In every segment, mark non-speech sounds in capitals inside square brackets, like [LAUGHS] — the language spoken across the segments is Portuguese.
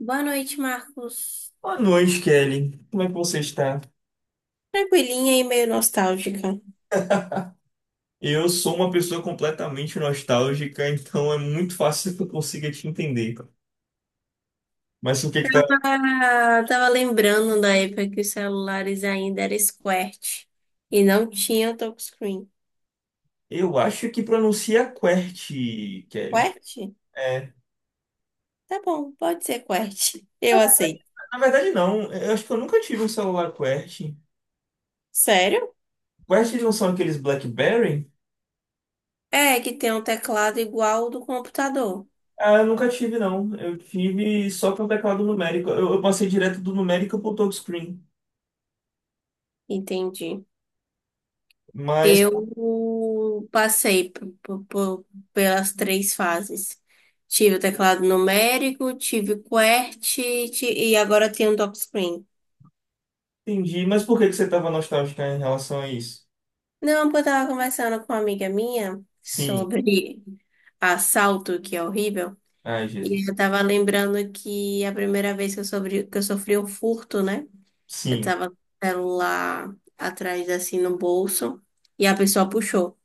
Boa noite, Marcos. Boa noite, Kelly. Como é que você está? Tranquilinha e meio nostálgica. Eu sou uma pessoa completamente nostálgica, [LAUGHS] então é muito fácil que eu consiga te entender. Mas o que que tá? Tava lembrando da época que os celulares ainda eram square e não tinham touchscreen. Eu acho que pronuncia QWERTY, Kelly. Quert? É. Tá bom, pode ser Quert. Eu aceito. Na verdade, não. Eu acho que eu nunca tive um celular QWERTY. Sério? QWERTY não são aqueles BlackBerry? É, que tem um teclado igual ao do computador. Ah, eu nunca tive, não. Eu tive só para o teclado numérico. Eu passei direto do numérico para o touchscreen. Entendi. Mas Eu passei pelas três fases. Tive o teclado numérico, tive e agora tenho touchscreen. entendi. Mas por que que você estava nostálgica em relação a isso? Não, porque eu tava conversando com uma amiga minha Sim. sobre assalto, que é horrível, Ai, Jesus. e eu tava lembrando que a primeira vez que eu sofri um furto, né? Eu Sim. tava com o celular atrás, assim, no bolso, e a pessoa puxou.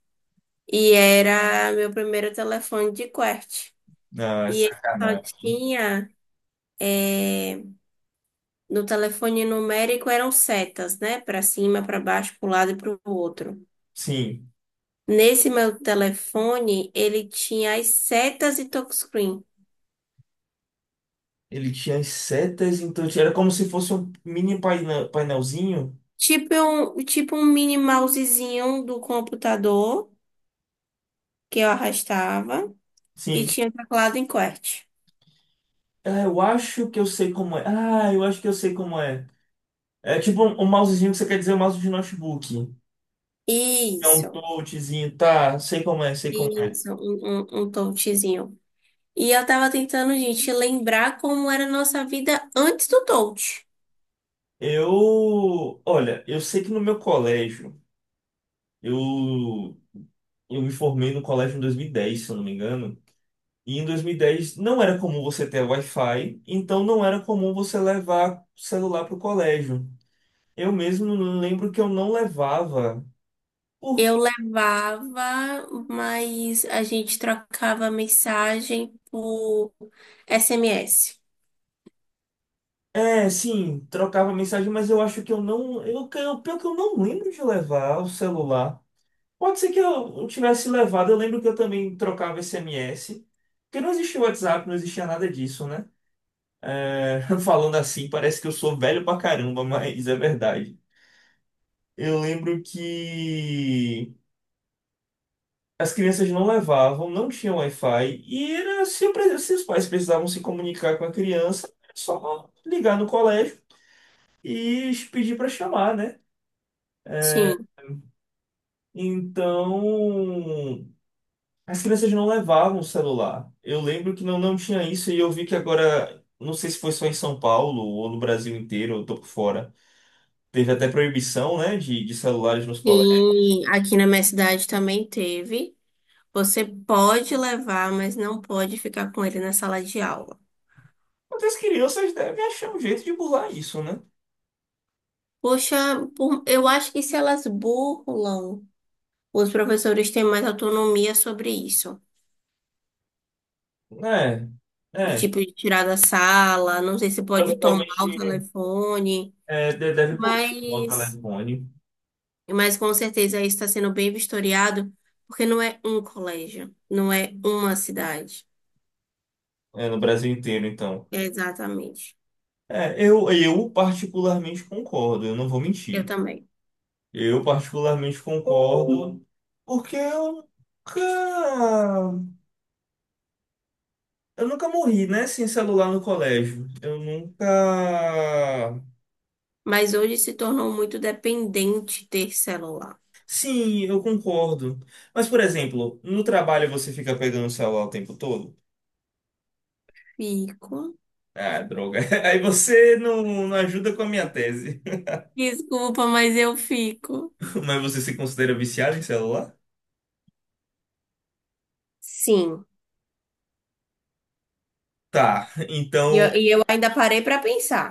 E era meu primeiro telefone de QWERTY. Ah, é E ele só sacanagem. Eh, no telefone numérico eram setas, né? Pra cima, pra baixo, pro lado e pro outro. Sim, Nesse meu telefone, ele tinha as setas e touchscreen. ele tinha as setas, então era como se fosse um mini painel, painelzinho. Tipo um mini mousezinho do computador que eu arrastava e Sim. tinha teclado em QWERTY. Ah, eu acho que eu sei como é. Ah, eu acho que eu sei como é. É tipo um mousezinho que você quer dizer um mouse de notebook. É um Isso, touchzinho, tá? Sei como é, sei como é. isso, um touchzinho. E eu tava tentando, gente, lembrar como era a nossa vida antes do touch. Eu, olha, eu sei que no meu colégio, eu, eu me formei no colégio em 2010 se eu não me engano. E em 2010 não era comum você ter Wi-Fi, então não era comum você levar celular para o colégio. Eu mesmo lembro que eu não levava. Por... Eu levava, mas a gente trocava mensagem por SMS. É, sim, trocava mensagem, mas eu acho que eu não. Pior que eu não lembro de levar o celular. Pode ser que eu tivesse levado, eu lembro que eu também trocava SMS. Porque não existia WhatsApp, não existia nada disso, né? É, [LAUGHS] falando assim, parece que eu sou velho pra caramba, mas é verdade. Eu lembro que. As crianças não levavam, não tinha Wi-Fi, e era, se os pais precisavam se comunicar com a criança, era só ligar no colégio e pedir para chamar, né? Sim. Então, as crianças não levavam o celular. Eu lembro que não, não tinha isso, e eu vi que agora, não sei se foi só em São Paulo ou no Brasil inteiro, eu tô por fora. Teve até proibição, né, de celulares nos colégios. Sim, aqui na minha cidade também teve. Você pode levar, mas não pode ficar com ele na sala de aula. Mas as crianças devem achar um jeito de burlar isso, né? Poxa, eu acho que se elas burlam, os professores têm mais autonomia sobre isso. É, De é. tipo, de tirar da sala, não sei se pode tomar o Provavelmente. telefone, É, deve poder uma mas, Caledônia mas com certeza isso está sendo bem vistoriado, porque não é um colégio, não é uma cidade. é, no Brasil inteiro, então. Exatamente. É, eu particularmente concordo, eu não vou Eu mentir. também. Eu particularmente concordo porque eu nunca morri, né, sem celular no colégio. Eu nunca... Mas hoje se tornou muito dependente ter celular. Sim, eu concordo. Mas, por exemplo, no trabalho você fica pegando o celular o tempo todo? Fico. Ah, droga. [LAUGHS] Aí você não ajuda com a minha tese. Desculpa, mas eu fico. [LAUGHS] Mas você se considera viciado em celular? Sim. Tá, E eu, então, e eu ainda parei para pensar.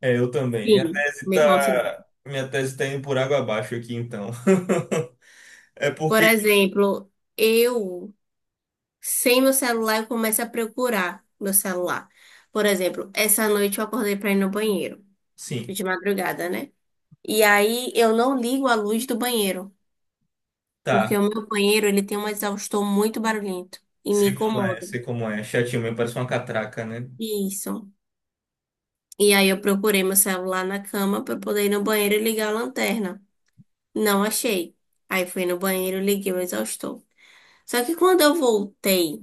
é, eu também. Minha Sim, tese me considero. tá, minha tese tá indo por água abaixo aqui, então. [LAUGHS] É Por porque, exemplo, eu, sem meu celular, eu começo a procurar meu celular. Por exemplo, essa noite eu acordei para ir no banheiro, sim, de madrugada, né? E aí eu não ligo a luz do banheiro, porque o tá. meu banheiro ele tem um exaustor muito barulhento e me Sei como é, incomoda. sei como é. Chatinho mesmo, parece uma catraca, né? Isso. E aí eu procurei meu celular na cama para poder ir no banheiro e ligar a lanterna. Não achei. Aí fui no banheiro, liguei o exaustor. Só que quando eu voltei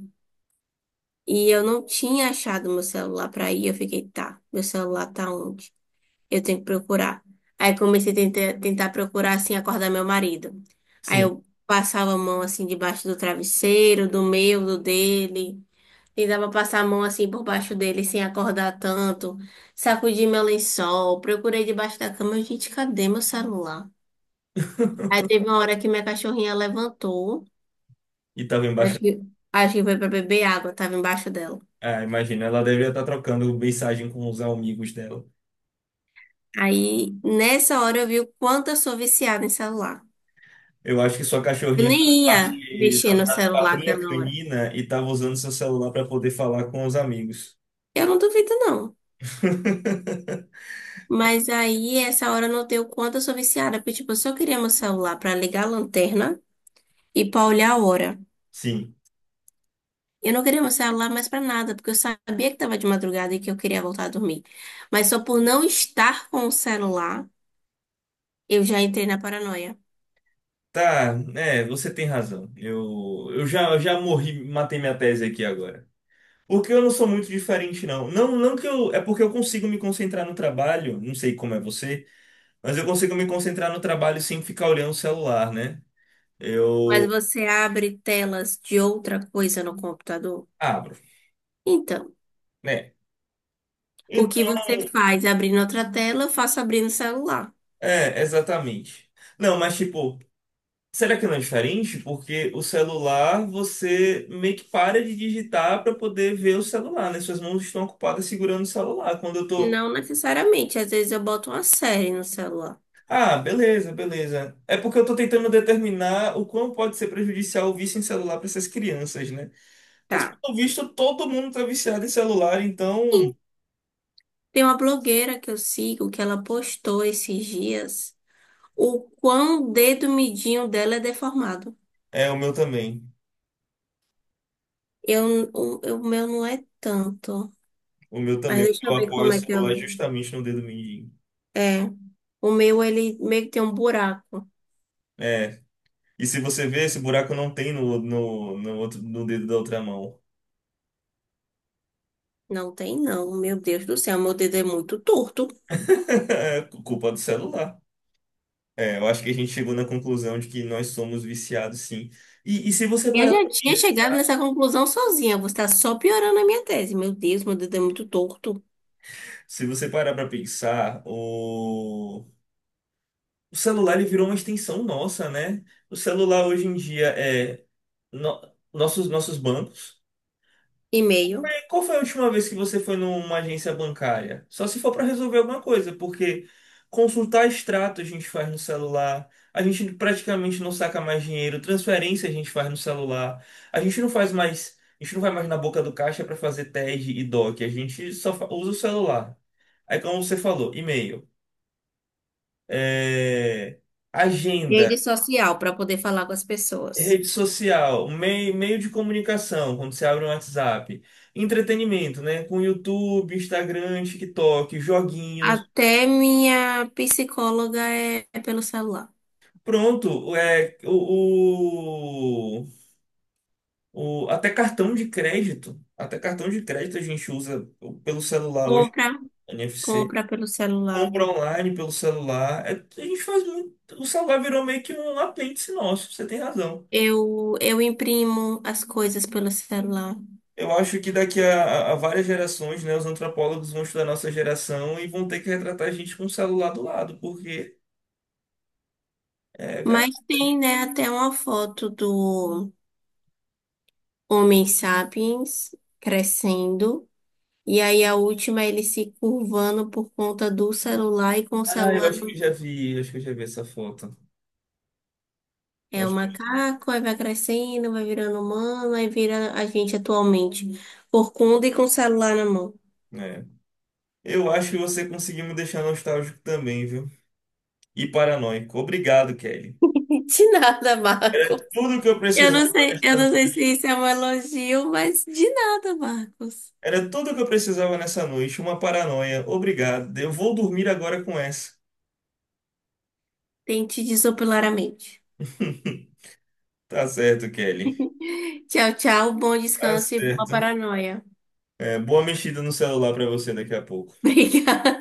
e eu não tinha achado meu celular para ir, eu fiquei, tá, meu celular tá onde? Eu tenho que procurar. Aí comecei a tentar procurar assim, acordar meu marido. Aí Sim. eu passava a mão assim debaixo do travesseiro, do meu, do dele. E dava pra passar a mão assim por baixo dele sem acordar tanto. Sacudi meu lençol, procurei debaixo da cama. Eu, gente, cadê meu celular? Aí [LAUGHS] teve uma hora que minha cachorrinha levantou. E tava embaixo. Acho que, acho que foi pra beber água, tava embaixo dela. Ah, imagina, ela deveria estar trocando mensagem com os amigos dela. Aí nessa hora eu vi o quanto eu sou viciada em celular. Eu acho que sua Eu cachorrinha nem faz ia parte mexer da no da celular patrulha aquela hora. canina e tava usando seu celular para poder falar com os amigos. Eu não duvido, não. [LAUGHS] Mas aí, essa hora eu notei o quanto eu sou viciada, porque, tipo, eu só queria meu celular pra ligar a lanterna e pra olhar a hora. Sim. Eu não queria meu celular mais pra nada, porque eu sabia que tava de madrugada e que eu queria voltar a dormir. Mas só por não estar com o celular, eu já entrei na paranoia. Tá, é, você tem razão. Eu já morri, matei minha tese aqui agora. O que eu não sou muito diferente, não. Não, não que eu. É porque eu consigo me concentrar no trabalho, não sei como é você, mas eu consigo me concentrar no trabalho sem ficar olhando o celular, né? Mas Eu você abre telas de outra coisa no computador? abro, Então, né? o que Então, você faz abrindo outra tela, eu faço abrindo o celular. é, exatamente. Não, mas tipo, será que não é diferente? Porque o celular, você meio que para de digitar para poder ver o celular, né? Suas mãos estão ocupadas segurando o celular. Quando eu tô. Não necessariamente, às vezes eu boto uma série no celular. Ah, beleza, beleza. É porque eu tô tentando determinar o quão pode ser prejudicial o vício em celular para essas crianças, né? Mas, Tá. pelo visto, todo mundo tá viciado em celular, Sim. então Tem uma blogueira que eu sigo que ela postou esses dias o quão o dedo midinho dela é deformado. é o meu também. O meu não é tanto. O meu Mas também, deixa eu porque eu ver apoio o como é que eu. celular justamente no dedo mindinho. É. O meu, ele meio que tem um buraco. É. E se você vê, esse buraco não tem no outro, no dedo da outra mão. Não tem, não. Meu Deus do céu, meu dedo é muito torto. [LAUGHS] É culpa do celular. É, eu acho que a gente chegou na conclusão de que nós somos viciados, sim. E se você Eu parar, já tinha chegado nessa conclusão sozinha. Você está só piorando a minha tese. Meu Deus, meu dedo é muito torto. se você parar para pensar, o celular ele virou uma extensão nossa, né? O celular hoje em dia é no- nossos bancos. E-mail, E qual foi a última vez que você foi numa agência bancária? Só se for para resolver alguma coisa, porque consultar extrato a gente faz no celular, a gente praticamente não saca mais dinheiro, transferência a gente faz no celular, a gente não faz mais, a gente não vai mais na boca do caixa para fazer TED e DOC, a gente só usa o celular. Aí como você falou, e-mail, é, rede agenda. social para poder falar com as pessoas. Rede social, meio de comunicação, quando você abre um WhatsApp. Entretenimento, né? Com YouTube, Instagram, TikTok, joguinhos. Até minha psicóloga é pelo celular. Pronto, é, até cartão de crédito. Até cartão de crédito a gente usa pelo celular hoje, Compra, NFC. compra pelo celular. Compra online pelo celular. É, a gente faz muito. O celular virou meio que um apêndice nosso, você tem razão. Eu imprimo as coisas pelo celular. Eu acho que daqui a várias gerações, né, os antropólogos vão estudar nossa geração e vão ter que retratar a gente com o celular do lado, porque é Mas verdade. tem, né, até uma foto do Homem Sapiens crescendo. E aí a última é ele se curvando por conta do celular e com o Ah, eu celular acho que no- eu já vi, eu acho que eu já vi essa foto. Eu é o acho que macaco, aí vai crescendo, vai virando humano, aí vira a gente atualmente, por conta e com o celular na mão. É. Eu acho que você conseguiu me deixar nostálgico também, viu? E paranoico. Obrigado, Kelly. [LAUGHS] De nada, Era Marcos. tudo que eu precisava Eu nessa não sei noite. se isso é um elogio, mas de nada, Marcos. Era tudo que eu precisava nessa noite, uma paranoia. Obrigado. Eu vou dormir agora com essa. Tente desopilar a mente. [LAUGHS] Tá certo, Kelly. Tchau, tchau, bom Tá descanso e boa certo. paranoia. É, boa mexida no celular pra você daqui a pouco. Obrigada.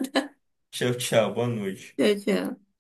Tchau, tchau. Boa [LAUGHS] noite. Tchau, tchau.